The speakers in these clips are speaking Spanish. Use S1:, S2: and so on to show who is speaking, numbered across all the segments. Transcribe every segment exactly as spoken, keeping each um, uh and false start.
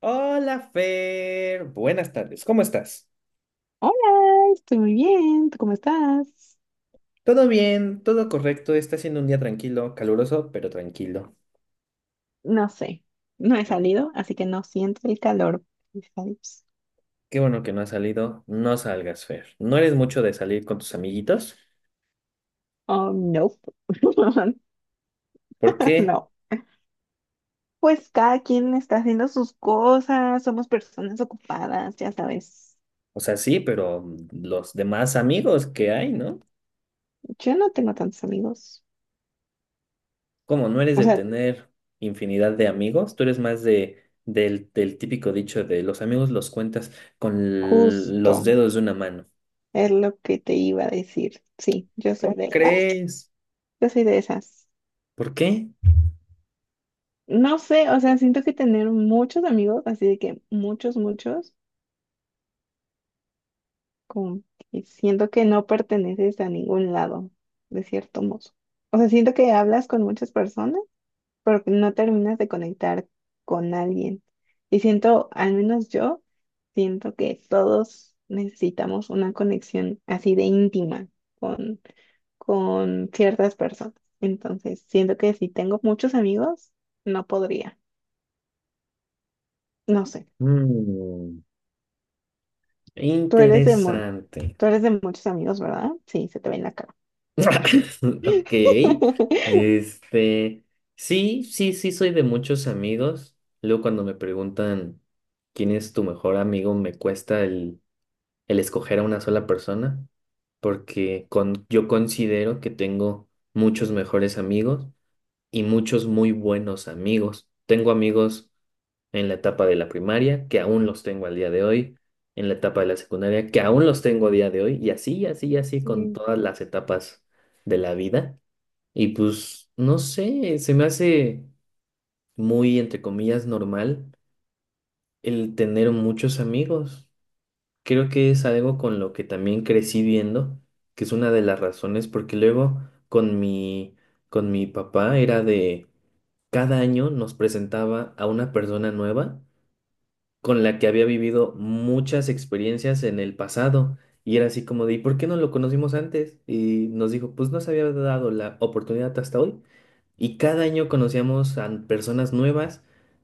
S1: Hola, Fer. Buenas tardes. ¿Cómo estás?
S2: Hola, estoy muy bien. ¿Tú cómo estás?
S1: Todo bien, todo correcto. Está siendo un día tranquilo, caluroso, pero tranquilo.
S2: No sé, no he salido, así que no siento el calor. Vibes.
S1: Qué bueno que no has salido. No salgas, Fer. ¿No eres mucho de salir con tus amiguitos?
S2: Oh, no.
S1: ¿Por qué?
S2: No. Pues cada quien está haciendo sus cosas, somos personas ocupadas, ya sabes.
S1: O sea, sí, pero los demás amigos que hay, ¿no?
S2: Yo no tengo tantos amigos.
S1: ¿Cómo no eres
S2: O
S1: de
S2: sea,
S1: tener infinidad de amigos? Tú eres más de del, del típico dicho de los amigos los cuentas con l-
S2: justo
S1: los dedos de una mano.
S2: es lo que te iba a decir. Sí, yo soy
S1: ¿Cómo
S2: de ah,
S1: crees?
S2: yo soy de esas.
S1: ¿Por qué?
S2: No sé, o sea, siento que tener muchos amigos, así de que muchos, muchos. Como que siento que no perteneces a ningún lado, de cierto modo. O sea, siento que hablas con muchas personas, pero que no terminas de conectar con alguien. Y siento, al menos yo, siento que todos necesitamos una conexión así de íntima con, con ciertas personas. Entonces, siento que si tengo muchos amigos, no podría. No sé.
S1: Mm.
S2: Tú eres de, mu-
S1: Interesante.
S2: tú eres de muchos amigos, ¿verdad? Sí, se te ve en la cara.
S1: Ok. Este, sí, sí, sí, soy de muchos amigos. Luego cuando me preguntan quién es tu mejor amigo, me cuesta el, el escoger a una sola persona, porque con, yo considero que tengo muchos mejores amigos, y muchos muy buenos amigos. Tengo amigos en la etapa de la primaria, que aún los tengo al día de hoy, en la etapa de la secundaria, que aún los tengo a día de hoy, y así, y así, y así con todas las etapas de la vida. Y pues, no sé, se me hace muy, entre comillas, normal el tener muchos amigos. Creo que es algo con lo que también crecí viendo, que es una de las razones, porque luego con mi, con mi papá era de cada año nos presentaba a una persona nueva con la que había vivido muchas experiencias en el pasado. Y era así como de, ¿y por qué no lo conocimos antes? Y nos dijo, pues no se había dado la oportunidad hasta hoy. Y cada año conocíamos a personas nuevas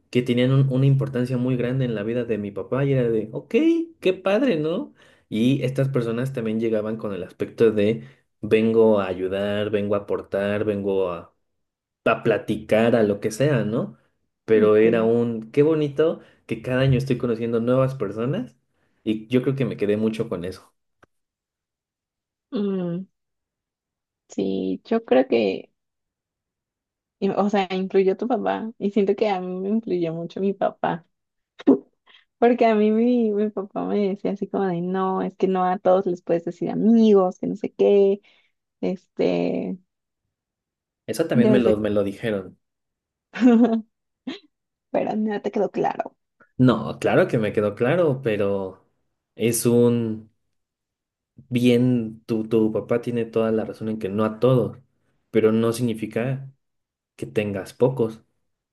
S1: que tenían un- una importancia muy grande en la vida de mi papá. Y era de, ok, qué padre, ¿no? Y estas personas también llegaban con el aspecto de, vengo a ayudar, vengo a aportar, vengo a a platicar, a lo que sea, ¿no? Pero
S2: Ok.
S1: era un, qué bonito que cada año estoy conociendo nuevas personas, y yo creo que me quedé mucho con eso.
S2: Mm, sí, yo creo que, y- o sea, influyó tu papá y siento que a mí me influyó mucho mi papá, porque a mí mi, mi papá me decía así como de, no, es que no a todos les puedes decir amigos, que no sé qué, este,
S1: Eso también me
S2: debes
S1: lo,
S2: de...
S1: me lo dijeron.
S2: Pero no te quedó claro.
S1: No, claro que me quedó claro, pero es un bien, tu, tu papá tiene toda la razón en que no a todos, pero no significa que tengas pocos,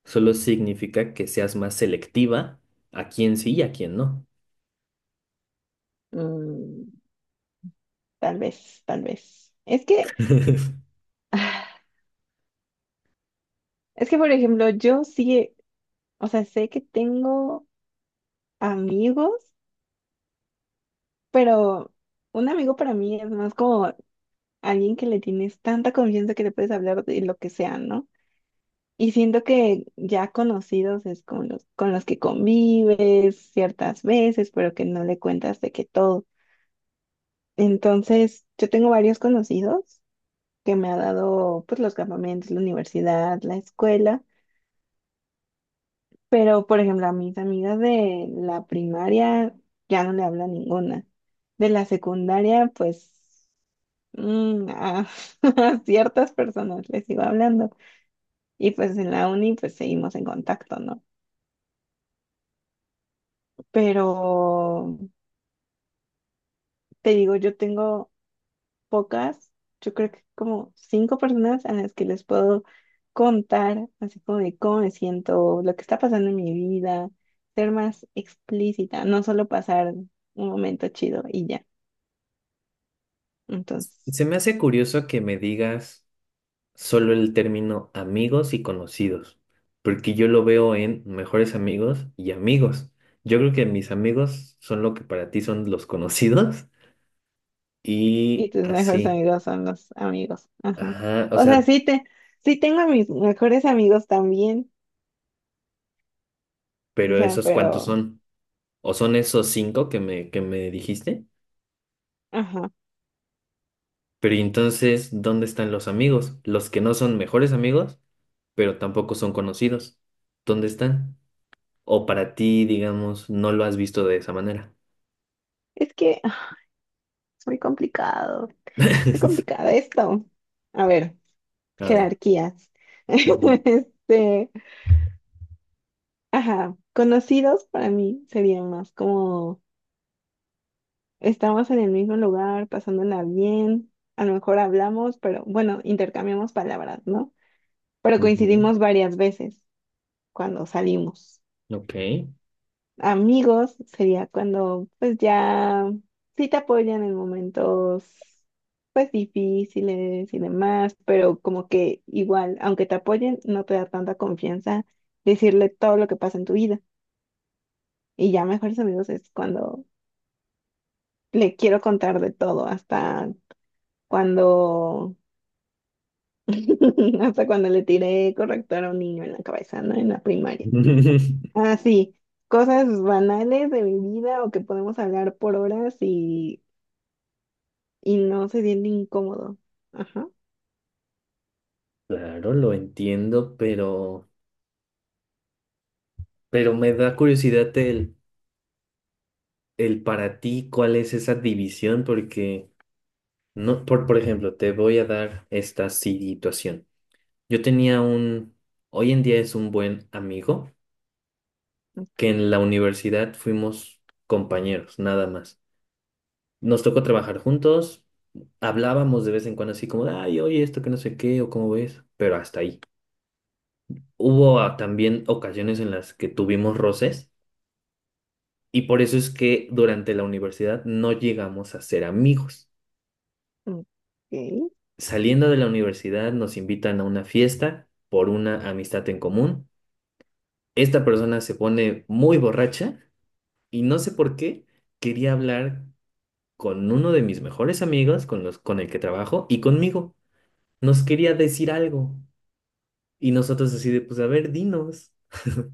S1: solo significa que seas más selectiva a quién sí y a quién no.
S2: Mm, tal vez, tal vez. Es que, ah, es que, por ejemplo, yo sí, o sea, sé que tengo amigos, pero un amigo para mí es más como alguien que le tienes tanta confianza que le puedes hablar de lo que sea, ¿no? Y siento que ya conocidos es con los, con los que convives ciertas veces, pero que no le cuentas de que todo. Entonces, yo tengo varios conocidos que me ha dado pues los campamentos, la universidad, la escuela, pero por ejemplo a mis amigas de la primaria ya no le hablo a ninguna. De la secundaria, pues mm, a a ciertas personas les sigo hablando. Y pues en la uni pues seguimos en contacto, ¿no? Pero te digo, yo tengo pocas, yo creo que como cinco personas a las que les puedo contar así como de cómo me siento, lo que está pasando en mi vida, ser más explícita, no solo pasar un momento chido y ya.
S1: Se
S2: Entonces,
S1: me hace curioso que me digas... solo el término amigos y conocidos, porque yo lo veo en mejores amigos y amigos. Yo creo que mis amigos son lo que para ti son los conocidos
S2: y
S1: y
S2: tus mejores
S1: así.
S2: amigos son los amigos, ajá.
S1: Ajá, o
S2: O sea,
S1: sea,
S2: sí te, sí tengo a mis mejores amigos también, o
S1: pero
S2: sea,
S1: esos ¿cuántos
S2: pero,
S1: son? ¿O son esos cinco que me, que me dijiste?
S2: ajá.
S1: Pero ¿y entonces, ¿dónde están los amigos? Los que no son mejores amigos, pero tampoco son conocidos. ¿Dónde están? O para ti, digamos, no lo has visto de esa manera.
S2: Es que Es muy complicado, muy complicado esto. A ver,
S1: A ver.
S2: jerarquías. Este, ajá, conocidos para mí serían más como estamos en el mismo lugar, pasándola bien, a lo mejor hablamos, pero bueno, intercambiamos palabras, ¿no? Pero
S1: Ujú.
S2: coincidimos varias veces cuando salimos.
S1: Ok.
S2: Amigos sería cuando pues ya sí te apoyan en momentos pues difíciles y demás, pero como que igual, aunque te apoyen, no te da tanta confianza decirle todo lo que pasa en tu vida. Y ya mejores amigos es cuando le quiero contar de todo, hasta cuando hasta cuando le tiré corrector a un niño en la cabeza, ¿no? En la primaria. Ah, sí, cosas banales de mi vida o que podemos hablar por horas y Y no se siente incómodo. Ajá.
S1: Claro, lo entiendo, pero, pero me da curiosidad el, el para ti, ¿cuál es esa división? Porque no, por, por ejemplo, te voy a dar esta situación. Yo tenía un, hoy en día es un buen amigo, que
S2: Ujú.
S1: en la universidad fuimos compañeros, nada más. Nos tocó trabajar juntos, hablábamos de vez en cuando así como, ay, oye, esto que no sé qué, o cómo ves, pero hasta ahí. Hubo ah, también ocasiones en las que tuvimos roces y por eso es que durante la universidad no llegamos a ser amigos.
S2: Ok.
S1: Saliendo de la universidad nos invitan a una fiesta por una amistad en común. Esta persona se pone muy borracha y no sé por qué quería hablar con uno de mis mejores amigos, con los con el que trabajo y conmigo. Nos quería decir algo y nosotros así de, pues a ver, dinos.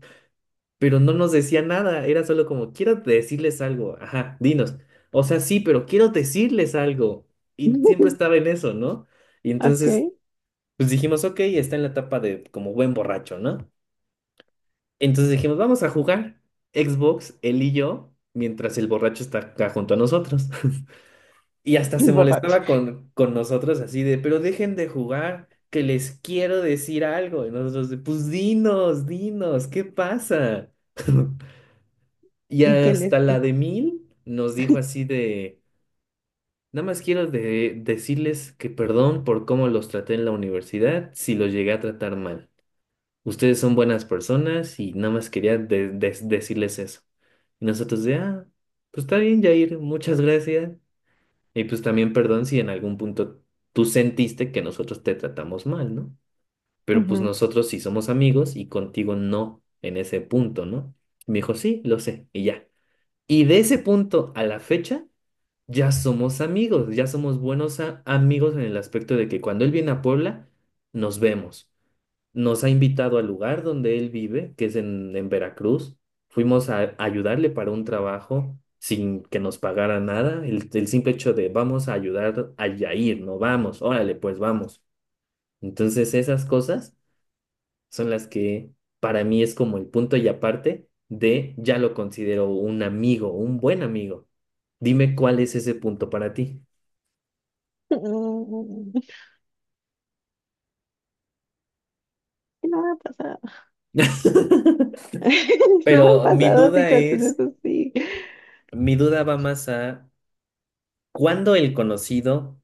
S1: Pero no nos decía nada, era solo como, quiero decirles algo, ajá, dinos. O sea, sí, pero quiero decirles algo. Y siempre estaba en eso, ¿no? Y
S2: Ok.
S1: entonces, pues dijimos, ok, está en la etapa de como buen borracho, ¿no? Entonces dijimos, vamos a jugar Xbox, él y yo, mientras el borracho está acá junto a nosotros. Y hasta
S2: El
S1: se
S2: borracho.
S1: molestaba con, con nosotros así de, pero dejen de jugar, que les quiero decir algo. Y nosotros de, pues dinos, dinos, ¿qué pasa? Y
S2: ¿Y qué
S1: hasta
S2: les
S1: la de
S2: dijo?
S1: Mil nos dijo así de, nada más quiero de- decirles que perdón por cómo los traté en la universidad si los llegué a tratar mal. Ustedes son buenas personas y nada más quería de- de- decirles eso. Y nosotros de, ah, pues está bien, Jair, muchas gracias. Y pues también perdón si en algún punto tú sentiste que nosotros te tratamos mal, ¿no? Pero pues
S2: Ujú.
S1: nosotros sí somos amigos y contigo no en ese punto, ¿no? Y me dijo, sí, lo sé, y ya. Y de ese punto a la fecha, ya somos amigos, ya somos buenos a- amigos en el aspecto de que cuando él viene a Puebla, nos vemos. Nos ha invitado al lugar donde él vive, que es en, en Veracruz. Fuimos a ayudarle para un trabajo sin que nos pagara nada. El, el simple hecho de vamos a ayudar a Yair, no vamos, órale, pues vamos. Entonces esas cosas son las que para mí es como el punto y aparte de ya lo considero un amigo, un buen amigo. Dime cuál es ese punto para ti.
S2: Mm, que no me ha pasado. No me han
S1: Pero mi
S2: pasado
S1: duda
S2: situaciones
S1: es,
S2: así.
S1: mi duda va más a cuándo el conocido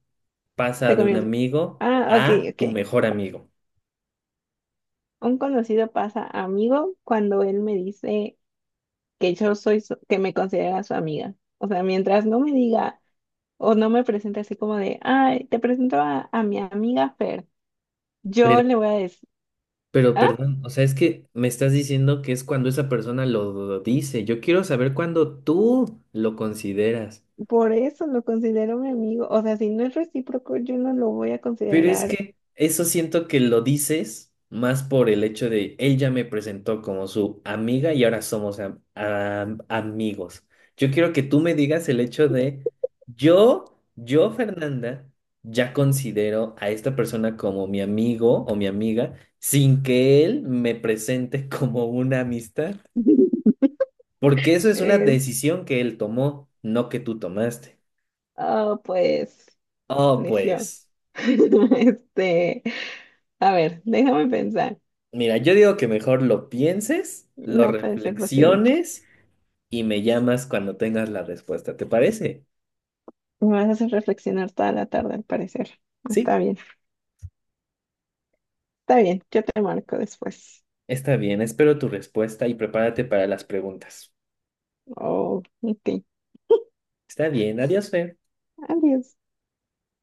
S1: pasa
S2: Se
S1: de un
S2: convierte.
S1: amigo
S2: Ah, ok,
S1: a
S2: ok.
S1: tu mejor amigo.
S2: Un conocido pasa a amigo cuando él me dice que yo soy, su- que me considera su amiga. O sea, mientras no me diga o no me presente así como de, ay, te presento a, a mi amiga Fer. Yo
S1: Pero,
S2: le voy a decir.
S1: pero
S2: Ah,
S1: perdón, o sea, es que me estás diciendo que es cuando esa persona lo dice. Yo quiero saber cuándo tú lo consideras.
S2: por eso lo considero mi amigo. O sea, si no es recíproco, yo no lo voy a
S1: Pero es
S2: considerar.
S1: que eso siento que lo dices más por el hecho de él ya me presentó como su amiga y ahora somos am- am- amigos. Yo quiero que tú me digas el hecho de yo, yo, Fernanda, ya considero a esta persona como mi amigo o mi amiga sin que él me presente como una amistad, porque eso es una
S2: Es,
S1: decisión que él tomó, no que tú tomaste.
S2: ah, pues,
S1: Oh,
S2: necio.
S1: pues.
S2: Este, a ver, déjame pensar.
S1: Mira, yo digo que mejor lo pienses, lo
S2: No puede ser posible.
S1: reflexiones y me llamas cuando tengas la respuesta. ¿Te parece?
S2: Me vas a hacer reflexionar toda la tarde, al parecer.
S1: Sí,
S2: Está bien, está bien. Yo te marco después.
S1: está bien. Espero tu respuesta y prepárate para las preguntas.
S2: Oh, ok.
S1: Está bien. Adiós, Fer.
S2: Adiós.